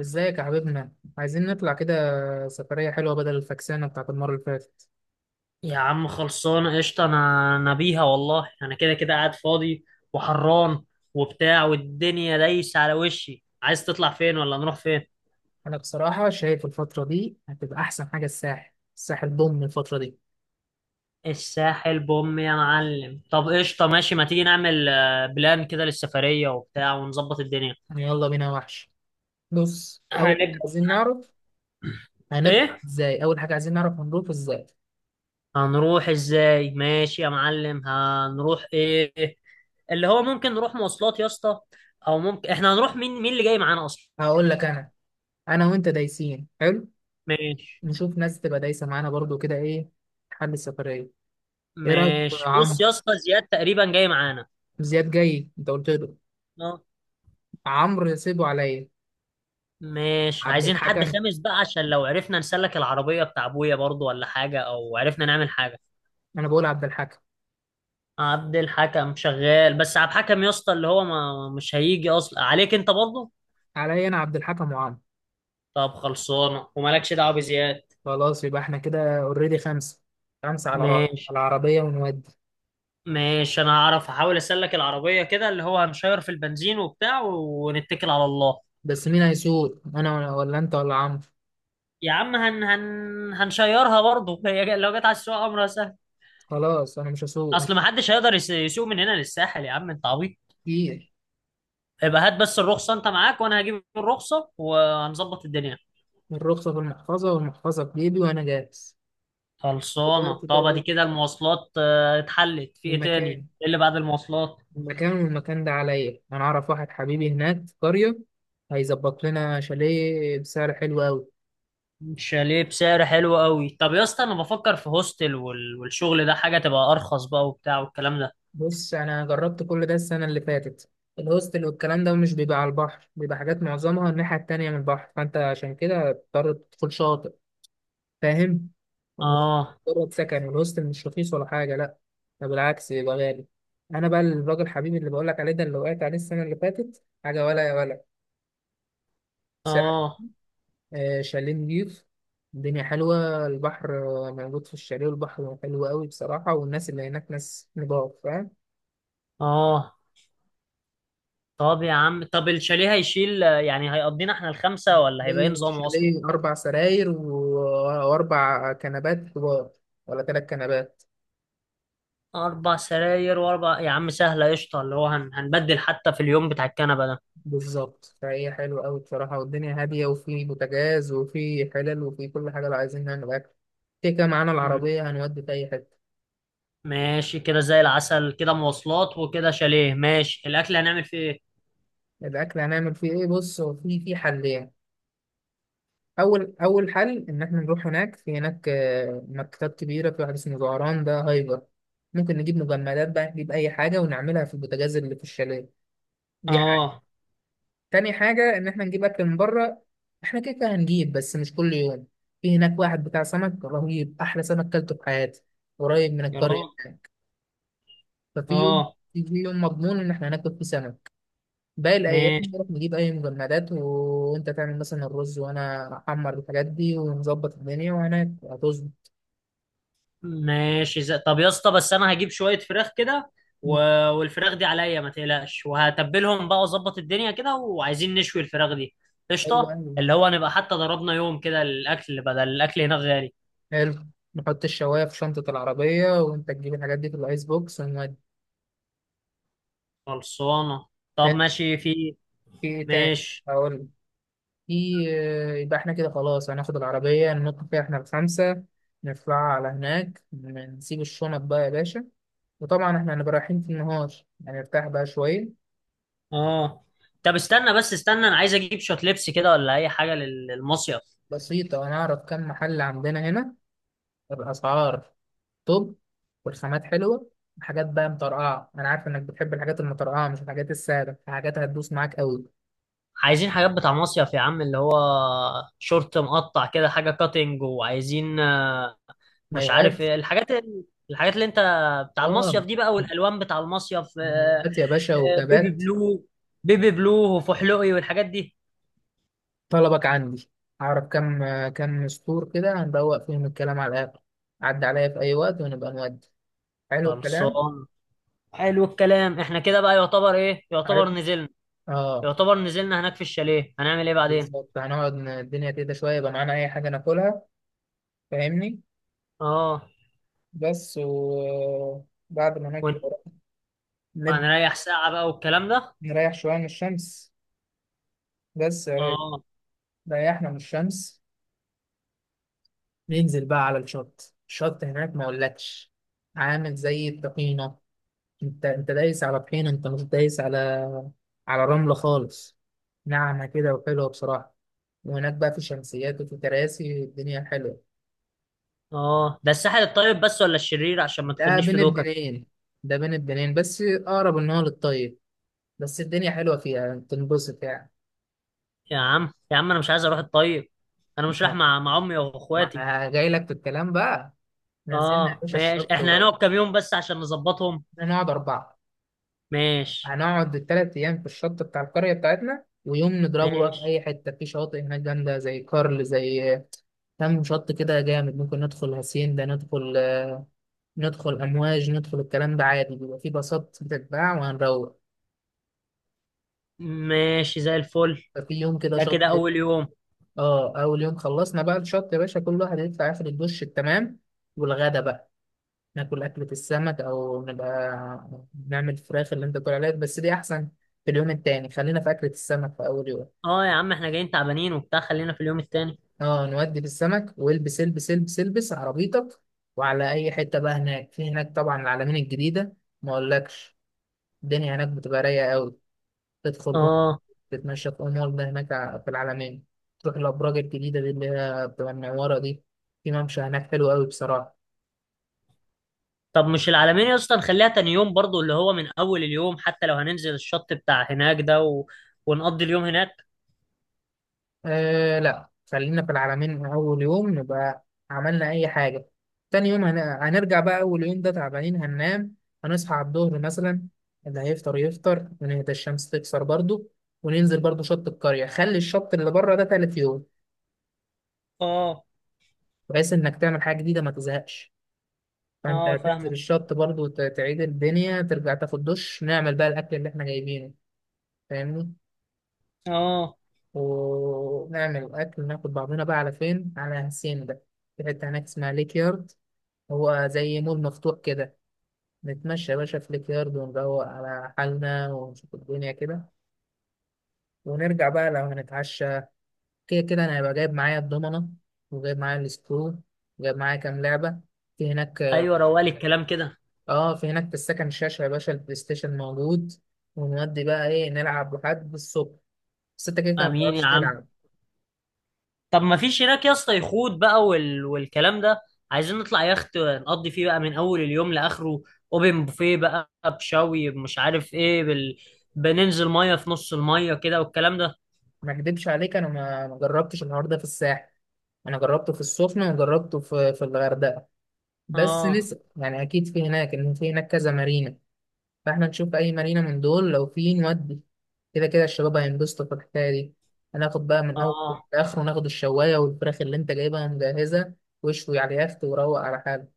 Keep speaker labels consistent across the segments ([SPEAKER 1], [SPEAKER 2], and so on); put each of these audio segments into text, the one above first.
[SPEAKER 1] ازيك يا حبيبنا؟ عايزين نطلع كده سفرية حلوة بدل الفكسانة بتاعت المرة اللي فاتت.
[SPEAKER 2] يا عم، خلصانة قشطة. أنا بيها والله. أنا كده كده قاعد فاضي وحران وبتاع، والدنيا دايسة على وشي. عايز تطلع فين ولا نروح فين؟
[SPEAKER 1] أنا بصراحة شايف الفترة دي هتبقى أحسن حاجة. الساحل ضم الفترة دي.
[SPEAKER 2] الساحل بوم يا معلم. طب قشطة، ماشي، ما تيجي نعمل بلان كده للسفرية وبتاع ونظبط الدنيا.
[SPEAKER 1] يعني يلا بينا يا وحش. بص، أول حاجة
[SPEAKER 2] هنب...
[SPEAKER 1] عايزين نعرف
[SPEAKER 2] إيه؟
[SPEAKER 1] هنروح ازاي.
[SPEAKER 2] هنروح إزاي؟ ماشي يا معلم، هنروح إيه؟ اللي هو ممكن نروح مواصلات يا اسطى، أو ممكن إحنا هنروح. مين مين اللي جاي معانا أصلا؟
[SPEAKER 1] هقول لك أنا. أنا وأنت دايسين حلو.
[SPEAKER 2] ماشي،
[SPEAKER 1] نشوف ناس تبقى دايسة معانا برضو كده. إيه حل السفرية؟ إيه رأيك في
[SPEAKER 2] ماشي.
[SPEAKER 1] عمرو؟
[SPEAKER 2] بص يا اسطى، زياد تقريبا جاي معانا.
[SPEAKER 1] زياد جاي، أنت قلت له؟
[SPEAKER 2] اه،
[SPEAKER 1] عمرو سيبه عليا.
[SPEAKER 2] ماشي.
[SPEAKER 1] عبد
[SPEAKER 2] عايزين حد
[SPEAKER 1] الحكم.
[SPEAKER 2] خامس بقى، عشان لو عرفنا نسلك العربية بتاع ابويا برضو، ولا حاجة، او عرفنا نعمل حاجة.
[SPEAKER 1] أنا بقول عبد الحكم.
[SPEAKER 2] عبد الحكم شغال، بس عبد الحكم يا اسطى اللي هو ما مش هيجي اصلا عليك انت برضو.
[SPEAKER 1] عليا أنا، عبد الحكم وعمرو.
[SPEAKER 2] طب خلصانة، ومالكش دعوة بزياد.
[SPEAKER 1] خلاص يبقى احنا كده اوريدي خمسة. خمسة على را-
[SPEAKER 2] ماشي،
[SPEAKER 1] على العربية ونودي.
[SPEAKER 2] ماشي. انا هعرف احاول اسلك العربية كده، اللي هو هنشير في البنزين وبتاع، ونتكل على الله.
[SPEAKER 1] بس مين هيسوق، انا ولا انت ولا عمرو؟
[SPEAKER 2] يا عم، هن هن هنشيرها برضه. هي لو جت على السوق، امرها سهل.
[SPEAKER 1] خلاص انا مش هسوق انا
[SPEAKER 2] اصل ما حدش هيقدر يسوق من هنا للساحل. يا عم انت عبيط.
[SPEAKER 1] كتير.
[SPEAKER 2] يبقى هات بس الرخصة انت معاك، وانا هجيب الرخصة وهنظبط الدنيا.
[SPEAKER 1] الرخصة في المحفظة والمحفظة في جيبي وانا جاهز.
[SPEAKER 2] خلصانة.
[SPEAKER 1] دلوقتي بقى
[SPEAKER 2] طب ادي
[SPEAKER 1] إيه؟
[SPEAKER 2] كده المواصلات اتحلت. في ايه تاني،
[SPEAKER 1] المكان.
[SPEAKER 2] ايه اللي بعد المواصلات؟
[SPEAKER 1] المكان ده عليا، انا اعرف واحد حبيبي هناك في قرية، هيظبط لنا شاليه بسعر حلو قوي.
[SPEAKER 2] شاليه بسعر حلو قوي. طب يا اسطى، انا بفكر في هوستل والشغل ده، حاجة تبقى ارخص بقى وبتاع والكلام ده.
[SPEAKER 1] بص، انا جربت كل ده السنة اللي فاتت. الهوستل والكلام ده مش بيبقى على البحر، بيبقى حاجات معظمها الناحية التانية من البحر، فانت عشان كده بتضطر تدخل شاطئ. فاهم؟
[SPEAKER 2] اه،
[SPEAKER 1] مجرد سكن، والهوستل مش رخيص ولا حاجه، لا، ده بالعكس يبقى غالي. انا بقى الراجل حبيبي اللي بقول لك عليه ده، اللي وقعت عليه السنه اللي فاتت، حاجه ولا يا ولا سعر.
[SPEAKER 2] اه،
[SPEAKER 1] آه شاليه نضيف، الدنيا حلوه، البحر موجود في الشاليه، والبحر حلو قوي بصراحه، والناس اللي هناك ناس نضاف. فاهم؟
[SPEAKER 2] اه. طب يا عم، طب الشاليه هيشيل يعني هيقضينا احنا الخمسة، ولا هيبقى ايه
[SPEAKER 1] ليه
[SPEAKER 2] نظامه اصلا؟
[SPEAKER 1] الشاليه اربع سراير واربع كنبات كبار، ولا ثلاث كنبات.
[SPEAKER 2] 4 سراير و4 يا عم، سهلة قشطة. اللي هو هنبدل حتى في اليوم بتاع الكنبة.
[SPEAKER 1] بالظبط، فهي حلوة أوي بصراحة، والدنيا هادية، وفي بوتاجاز وفي حلل وفي كل حاجة لو عايزين نعمل أكل. كده كده معانا
[SPEAKER 2] ده
[SPEAKER 1] العربية هنودي في أي حتة.
[SPEAKER 2] ماشي، كده زي العسل. كده مواصلات وكده شاليه. ماشي، الاكل هنعمل فيه ايه؟
[SPEAKER 1] الأكل هنعمل فيه إيه؟ بص، هو في حلين. أول حل إن إحنا نروح هناك. في هناك مكتبات كبيرة، في واحد اسمه زهران، ده هايبر. ممكن نجيب مجمدات بقى، نجيب أي حاجة ونعملها في البوتاجاز اللي في الشاليه. دي حاجة.
[SPEAKER 2] اه
[SPEAKER 1] تاني حاجة إن إحنا نجيب أكل من بره. إحنا كده كده هنجيب بس مش كل يوم. في هناك واحد بتاع سمك رهيب، أحلى سمك كلته في حياتي، قريب من
[SPEAKER 2] يا
[SPEAKER 1] القرية.
[SPEAKER 2] راجل.
[SPEAKER 1] ففي يوم،
[SPEAKER 2] اه.
[SPEAKER 1] في يوم مضمون إن إحنا هناكل فيه سمك. باقي الأيام
[SPEAKER 2] ماشي،
[SPEAKER 1] نروح نجيب أي مجمدات، وأنت تعمل مثلا الرز، وأنا أحمر الحاجات دي، ونظبط الدنيا وهناك هتظبط.
[SPEAKER 2] ماشي. طب يا اسطى، بس انا هجيب شويه فراخ كده، و... والفراخ دي عليا ما تقلقش، وهتبلهم بقى واظبط الدنيا كده. وعايزين نشوي الفراخ دي.
[SPEAKER 1] حلو
[SPEAKER 2] قشطه،
[SPEAKER 1] أوي.
[SPEAKER 2] اللي هو نبقى حتى ضربنا يوم كده الاكل، بدل الاكل هناك غالي.
[SPEAKER 1] حلو. نحط الشواية في شنطة العربية، وأنت تجيب الحاجات دي في الأيس بوكس ونودي.
[SPEAKER 2] خلصانه. طب
[SPEAKER 1] حلو.
[SPEAKER 2] ماشي، في
[SPEAKER 1] في إيه تاني؟
[SPEAKER 2] ماشي.
[SPEAKER 1] هقول. في يبقى احنا كده خلاص هناخد العربية، ننط فيها احنا الخمسة، نطلع على هناك، نسيب الشنط بقى يا باشا. وطبعا احنا هنبقى رايحين في النهار، هنرتاح بقى شوية.
[SPEAKER 2] اه، طب استنى بس استنى، انا عايز اجيب شويه لبس كده ولا اي حاجه للمصيف.
[SPEAKER 1] بسيطة، ونعرف كم محل عندنا هنا، الأسعار توب والخامات حلوة، حاجات بقى مطرقعة. أنا عارف إنك بتحب الحاجات المطرقعة مش الحاجات السادة، حاجات هتدوس معاك أوي.
[SPEAKER 2] عايزين حاجات بتاع مصيف يا عم، اللي هو شورت مقطع كده حاجة كاتنج، وعايزين مش عارف
[SPEAKER 1] مايوهات.
[SPEAKER 2] ايه الحاجات الحاجات اللي انت. بتاع المصيف
[SPEAKER 1] آه،
[SPEAKER 2] دي بقى، والألوان بتاع المصيف،
[SPEAKER 1] مايوهات يا باشا
[SPEAKER 2] بيبي
[SPEAKER 1] وكبات.
[SPEAKER 2] بلو. بيبي بلو وفحلوقي والحاجات دي.
[SPEAKER 1] طلبك عندي. أعرف كم كم سطور كده هندوق فيهم الكلام على الآخر. عدى عليا في أي وقت ونبقى نودي. حلو الكلام.
[SPEAKER 2] خلصان. حلو الكلام. احنا كده بقى يعتبر ايه، يعتبر
[SPEAKER 1] عارف؟
[SPEAKER 2] نزلنا؟
[SPEAKER 1] آه.
[SPEAKER 2] يعتبر نزلنا هناك في الشاليه، هنعمل ايه بعدين؟
[SPEAKER 1] بالظبط، هنقعد الدنيا كده شوية، يبقى معانا أي حاجة ناكلها. فاهمني؟
[SPEAKER 2] اه.
[SPEAKER 1] بس، وبعد ما ناكل
[SPEAKER 2] ون-
[SPEAKER 1] الغدا نبدأ.
[SPEAKER 2] هنريح ساعة بقى والكلام ده.
[SPEAKER 1] نريح شوية من الشمس بس يا راجل.
[SPEAKER 2] اه،
[SPEAKER 1] ريحنا من الشمس، ننزل بقى على الشط. الشط هناك ما أقولكش، عامل زي الطحينة. انت دايس على طحينه، انت مش دايس على رمله خالص، ناعمه كده وحلوه بصراحه. وهناك بقى في شمسيات وفي كراسي، الدنيا حلوه.
[SPEAKER 2] اه. ده الساحل الطيب بس ولا الشرير؟ عشان ما
[SPEAKER 1] ده
[SPEAKER 2] تاخدنيش في
[SPEAKER 1] بين
[SPEAKER 2] دوكا.
[SPEAKER 1] البنين. بس اقرب ان هو للطيب، بس الدنيا حلوه فيها تنبسط يعني.
[SPEAKER 2] يا عم يا عم، انا مش عايز اروح الطيب. انا مش رايح مع امي
[SPEAKER 1] ما
[SPEAKER 2] واخواتي.
[SPEAKER 1] جاي لك في الكلام بقى. نزلنا يا
[SPEAKER 2] اه
[SPEAKER 1] باشا
[SPEAKER 2] ماشي.
[SPEAKER 1] الشط
[SPEAKER 2] احنا
[SPEAKER 1] ورا.
[SPEAKER 2] هنقعد كام يوم بس عشان نظبطهم؟
[SPEAKER 1] نقعد اربعه.
[SPEAKER 2] ماشي،
[SPEAKER 1] هنقعد الـ 3 أيام في الشط بتاع القرية بتاعتنا، ويوم نضربه بقى في
[SPEAKER 2] ماشي،
[SPEAKER 1] أي حتة في شواطئ هناك جامدة زي كارل، زي كام شط كده جامد. ممكن ندخل هاسين ده، ندخل ندخل أمواج، ندخل الكلام ده عادي، بيبقى في باصات بتتباع وهنروح.
[SPEAKER 2] ماشي. زي الفل.
[SPEAKER 1] ففي يوم كده
[SPEAKER 2] ده
[SPEAKER 1] شط.
[SPEAKER 2] كده اول يوم.
[SPEAKER 1] اه، أول يوم خلصنا بقى الشط يا باشا، كل واحد يطلع ياخد الدش التمام، والغدا بقى ناكل أكلة السمك، أو نبقى نعمل فراخ اللي أنت بتقول عليها، بس دي أحسن في اليوم التاني. خلينا في أكلة السمك في أول يوم.
[SPEAKER 2] اه يا عم، احنا جايين تعبانين وبتاع، خلينا في اليوم التاني.
[SPEAKER 1] اه، نودي في السمك، والبس البس البس البس عربيتك، وعلى اي حته بقى. هناك في هناك طبعا العلمين الجديده، ما اقولكش الدنيا هناك بتبقى رايقه قوي. تدخل
[SPEAKER 2] اه.
[SPEAKER 1] تتمشى في امور ده، هناك في العلمين، تروح الابراج الجديده دي اللي هي بتبقى منوره دي. في ممشى هناك حلو قوي بصراحه.
[SPEAKER 2] طب مش العلمين يا اسطى نخليها تاني يوم برضو، اللي هو من اول اليوم، حتى لو هننزل الشط بتاع هناك ده ونقضي اليوم هناك.
[SPEAKER 1] آه لا، خلينا في العلمين من أول يوم، نبقى عملنا أي حاجة. تاني يوم هنرجع بقى. أول يوم ده تعبانين، هننام، هنصحى على الظهر مثلا، اللي هيفطر يفطر، ونهدى الشمس تكسر برضو، وننزل برضو شط القرية. خلي الشط اللي بره ده تالت يوم،
[SPEAKER 2] اه،
[SPEAKER 1] بحيث إنك تعمل حاجة جديدة ما تزهقش. فأنت
[SPEAKER 2] اه
[SPEAKER 1] هتنزل
[SPEAKER 2] فاهمه.
[SPEAKER 1] الشط برضو، تعيد الدنيا، ترجع تاخد دش، نعمل بقى الأكل اللي إحنا جايبينه. فاهمني؟
[SPEAKER 2] اه،
[SPEAKER 1] ونعمل أكل، ناخد بعضنا بقى على فين، على هاسين ده. في حتة هناك اسمها ليك يارد، هو زي مول مفتوح كده. نتمشى يا باشا في الكيارد، ونروق على حالنا، ونشوف الدنيا كده. ونرجع بقى لو هنتعشى. كده كده انا هيبقى جايب معايا الضمنة، وجايب معايا السكرو، وجايب معايا كام لعبة في هناك.
[SPEAKER 2] ايوه. روالي الكلام كده.
[SPEAKER 1] اه، في هناك في السكن شاشة يا باشا، البلاي ستيشن موجود، ونودي بقى ايه، نلعب لحد الصبح. بس انت كده كده
[SPEAKER 2] امين يا
[SPEAKER 1] متعرفش
[SPEAKER 2] عم.
[SPEAKER 1] تلعب.
[SPEAKER 2] طب ما فيش هناك يا اسطى يخوت بقى والكلام ده؟ عايزين نطلع يخت نقضي فيه بقى من اول اليوم لاخره، اوبن بوفيه بقى بشوي مش عارف ايه بننزل ميه في نص الميه كده والكلام ده.
[SPEAKER 1] ما اكدبش عليك، انا ما جربتش النهارده ده في الساحل، انا جربته في السخنة وجربته في الغردقة. بس
[SPEAKER 2] اه،
[SPEAKER 1] لسه يعني اكيد في هناك، ان في هناك كذا مارينا. فاحنا نشوف اي مارينا من دول لو في نودي. كده كده الشباب هينبسطوا في الحكايه دي. هناخد بقى من اول
[SPEAKER 2] اه.
[SPEAKER 1] لاخره، ناخد الشوايه والفراخ اللي انت جايبها مجهزه، واشوي على اليخت وروق على حالك.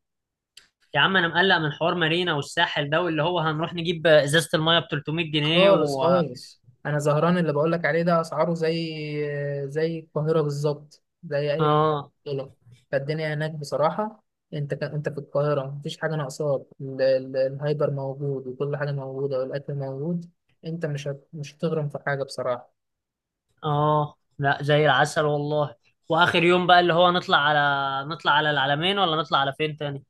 [SPEAKER 2] يا عم انا مقلق من حوار مارينا والساحل ده، واللي هو هنروح نجيب ازازه الميه ب 300 جنيه
[SPEAKER 1] خالص
[SPEAKER 2] و
[SPEAKER 1] خالص، انا زهران اللي بقول لك عليه ده اسعاره زي زي القاهره بالظبط، زي اي مكان
[SPEAKER 2] اه،
[SPEAKER 1] دولار. فالدنيا هناك بصراحه، انت انت في القاهره مفيش حاجه ناقصاك، الهايبر موجود وكل حاجه موجوده والاكل موجود. انت مش هتغرم في حاجه بصراحه.
[SPEAKER 2] اه. لا زي العسل والله. واخر يوم بقى اللي هو نطلع على، نطلع على العلمين، ولا نطلع على فين تاني؟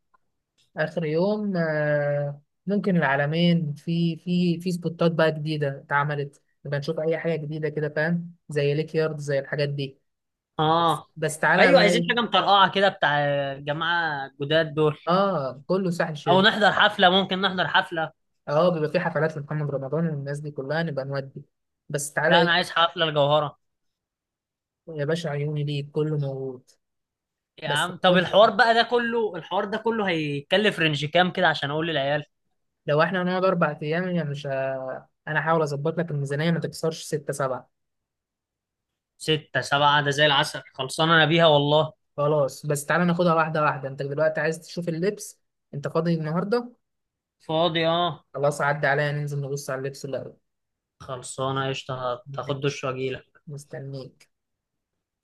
[SPEAKER 1] اخر يوم ممكن العلمين، في في سبوتات بقى جديده اتعملت، نبقى نشوف اي حاجه جديده كده، فاهم؟ زي ليك يارد زي الحاجات دي.
[SPEAKER 2] اه،
[SPEAKER 1] بس تعالى
[SPEAKER 2] ايوه.
[SPEAKER 1] بقى
[SPEAKER 2] عايزين حاجه
[SPEAKER 1] إيه؟
[SPEAKER 2] مطرقعه كده بتاع الجماعه الجداد دول.
[SPEAKER 1] اه كله ساحل
[SPEAKER 2] او
[SPEAKER 1] شرير.
[SPEAKER 2] نحضر حفله، ممكن نحضر حفله.
[SPEAKER 1] اه، بيبقى في حفلات لمحمد رمضان والناس دي كلها، نبقى نودي. بس تعالى
[SPEAKER 2] لا، انا
[SPEAKER 1] إيه؟
[SPEAKER 2] عايز حفله الجوهره.
[SPEAKER 1] يا باشا عيوني ليك، كله موجود.
[SPEAKER 2] يا
[SPEAKER 1] بس
[SPEAKER 2] عم، طب
[SPEAKER 1] خد،
[SPEAKER 2] الحوار بقى ده كله، الحوار ده كله هيكلف رينج كام كده؟ عشان اقول للعيال.
[SPEAKER 1] لو احنا هنقعد 4 ايام يعني مش ه- انا هحاول اظبط لك الميزانيه ما تكسرش ستة سبعة.
[SPEAKER 2] ستة سبعة ده زي العسل. خلصانه انا بيها والله.
[SPEAKER 1] خلاص بس تعالى، ناخدها واحده واحده. انت دلوقتي عايز تشوف اللبس. انت فاضي النهارده؟
[SPEAKER 2] فاضي اه.
[SPEAKER 1] خلاص، عدى عليا ننزل نبص على اللبس الأول.
[SPEAKER 2] خلصانه قشطه. هاخد دش
[SPEAKER 1] ماشي،
[SPEAKER 2] واجيلك.
[SPEAKER 1] مستنيك.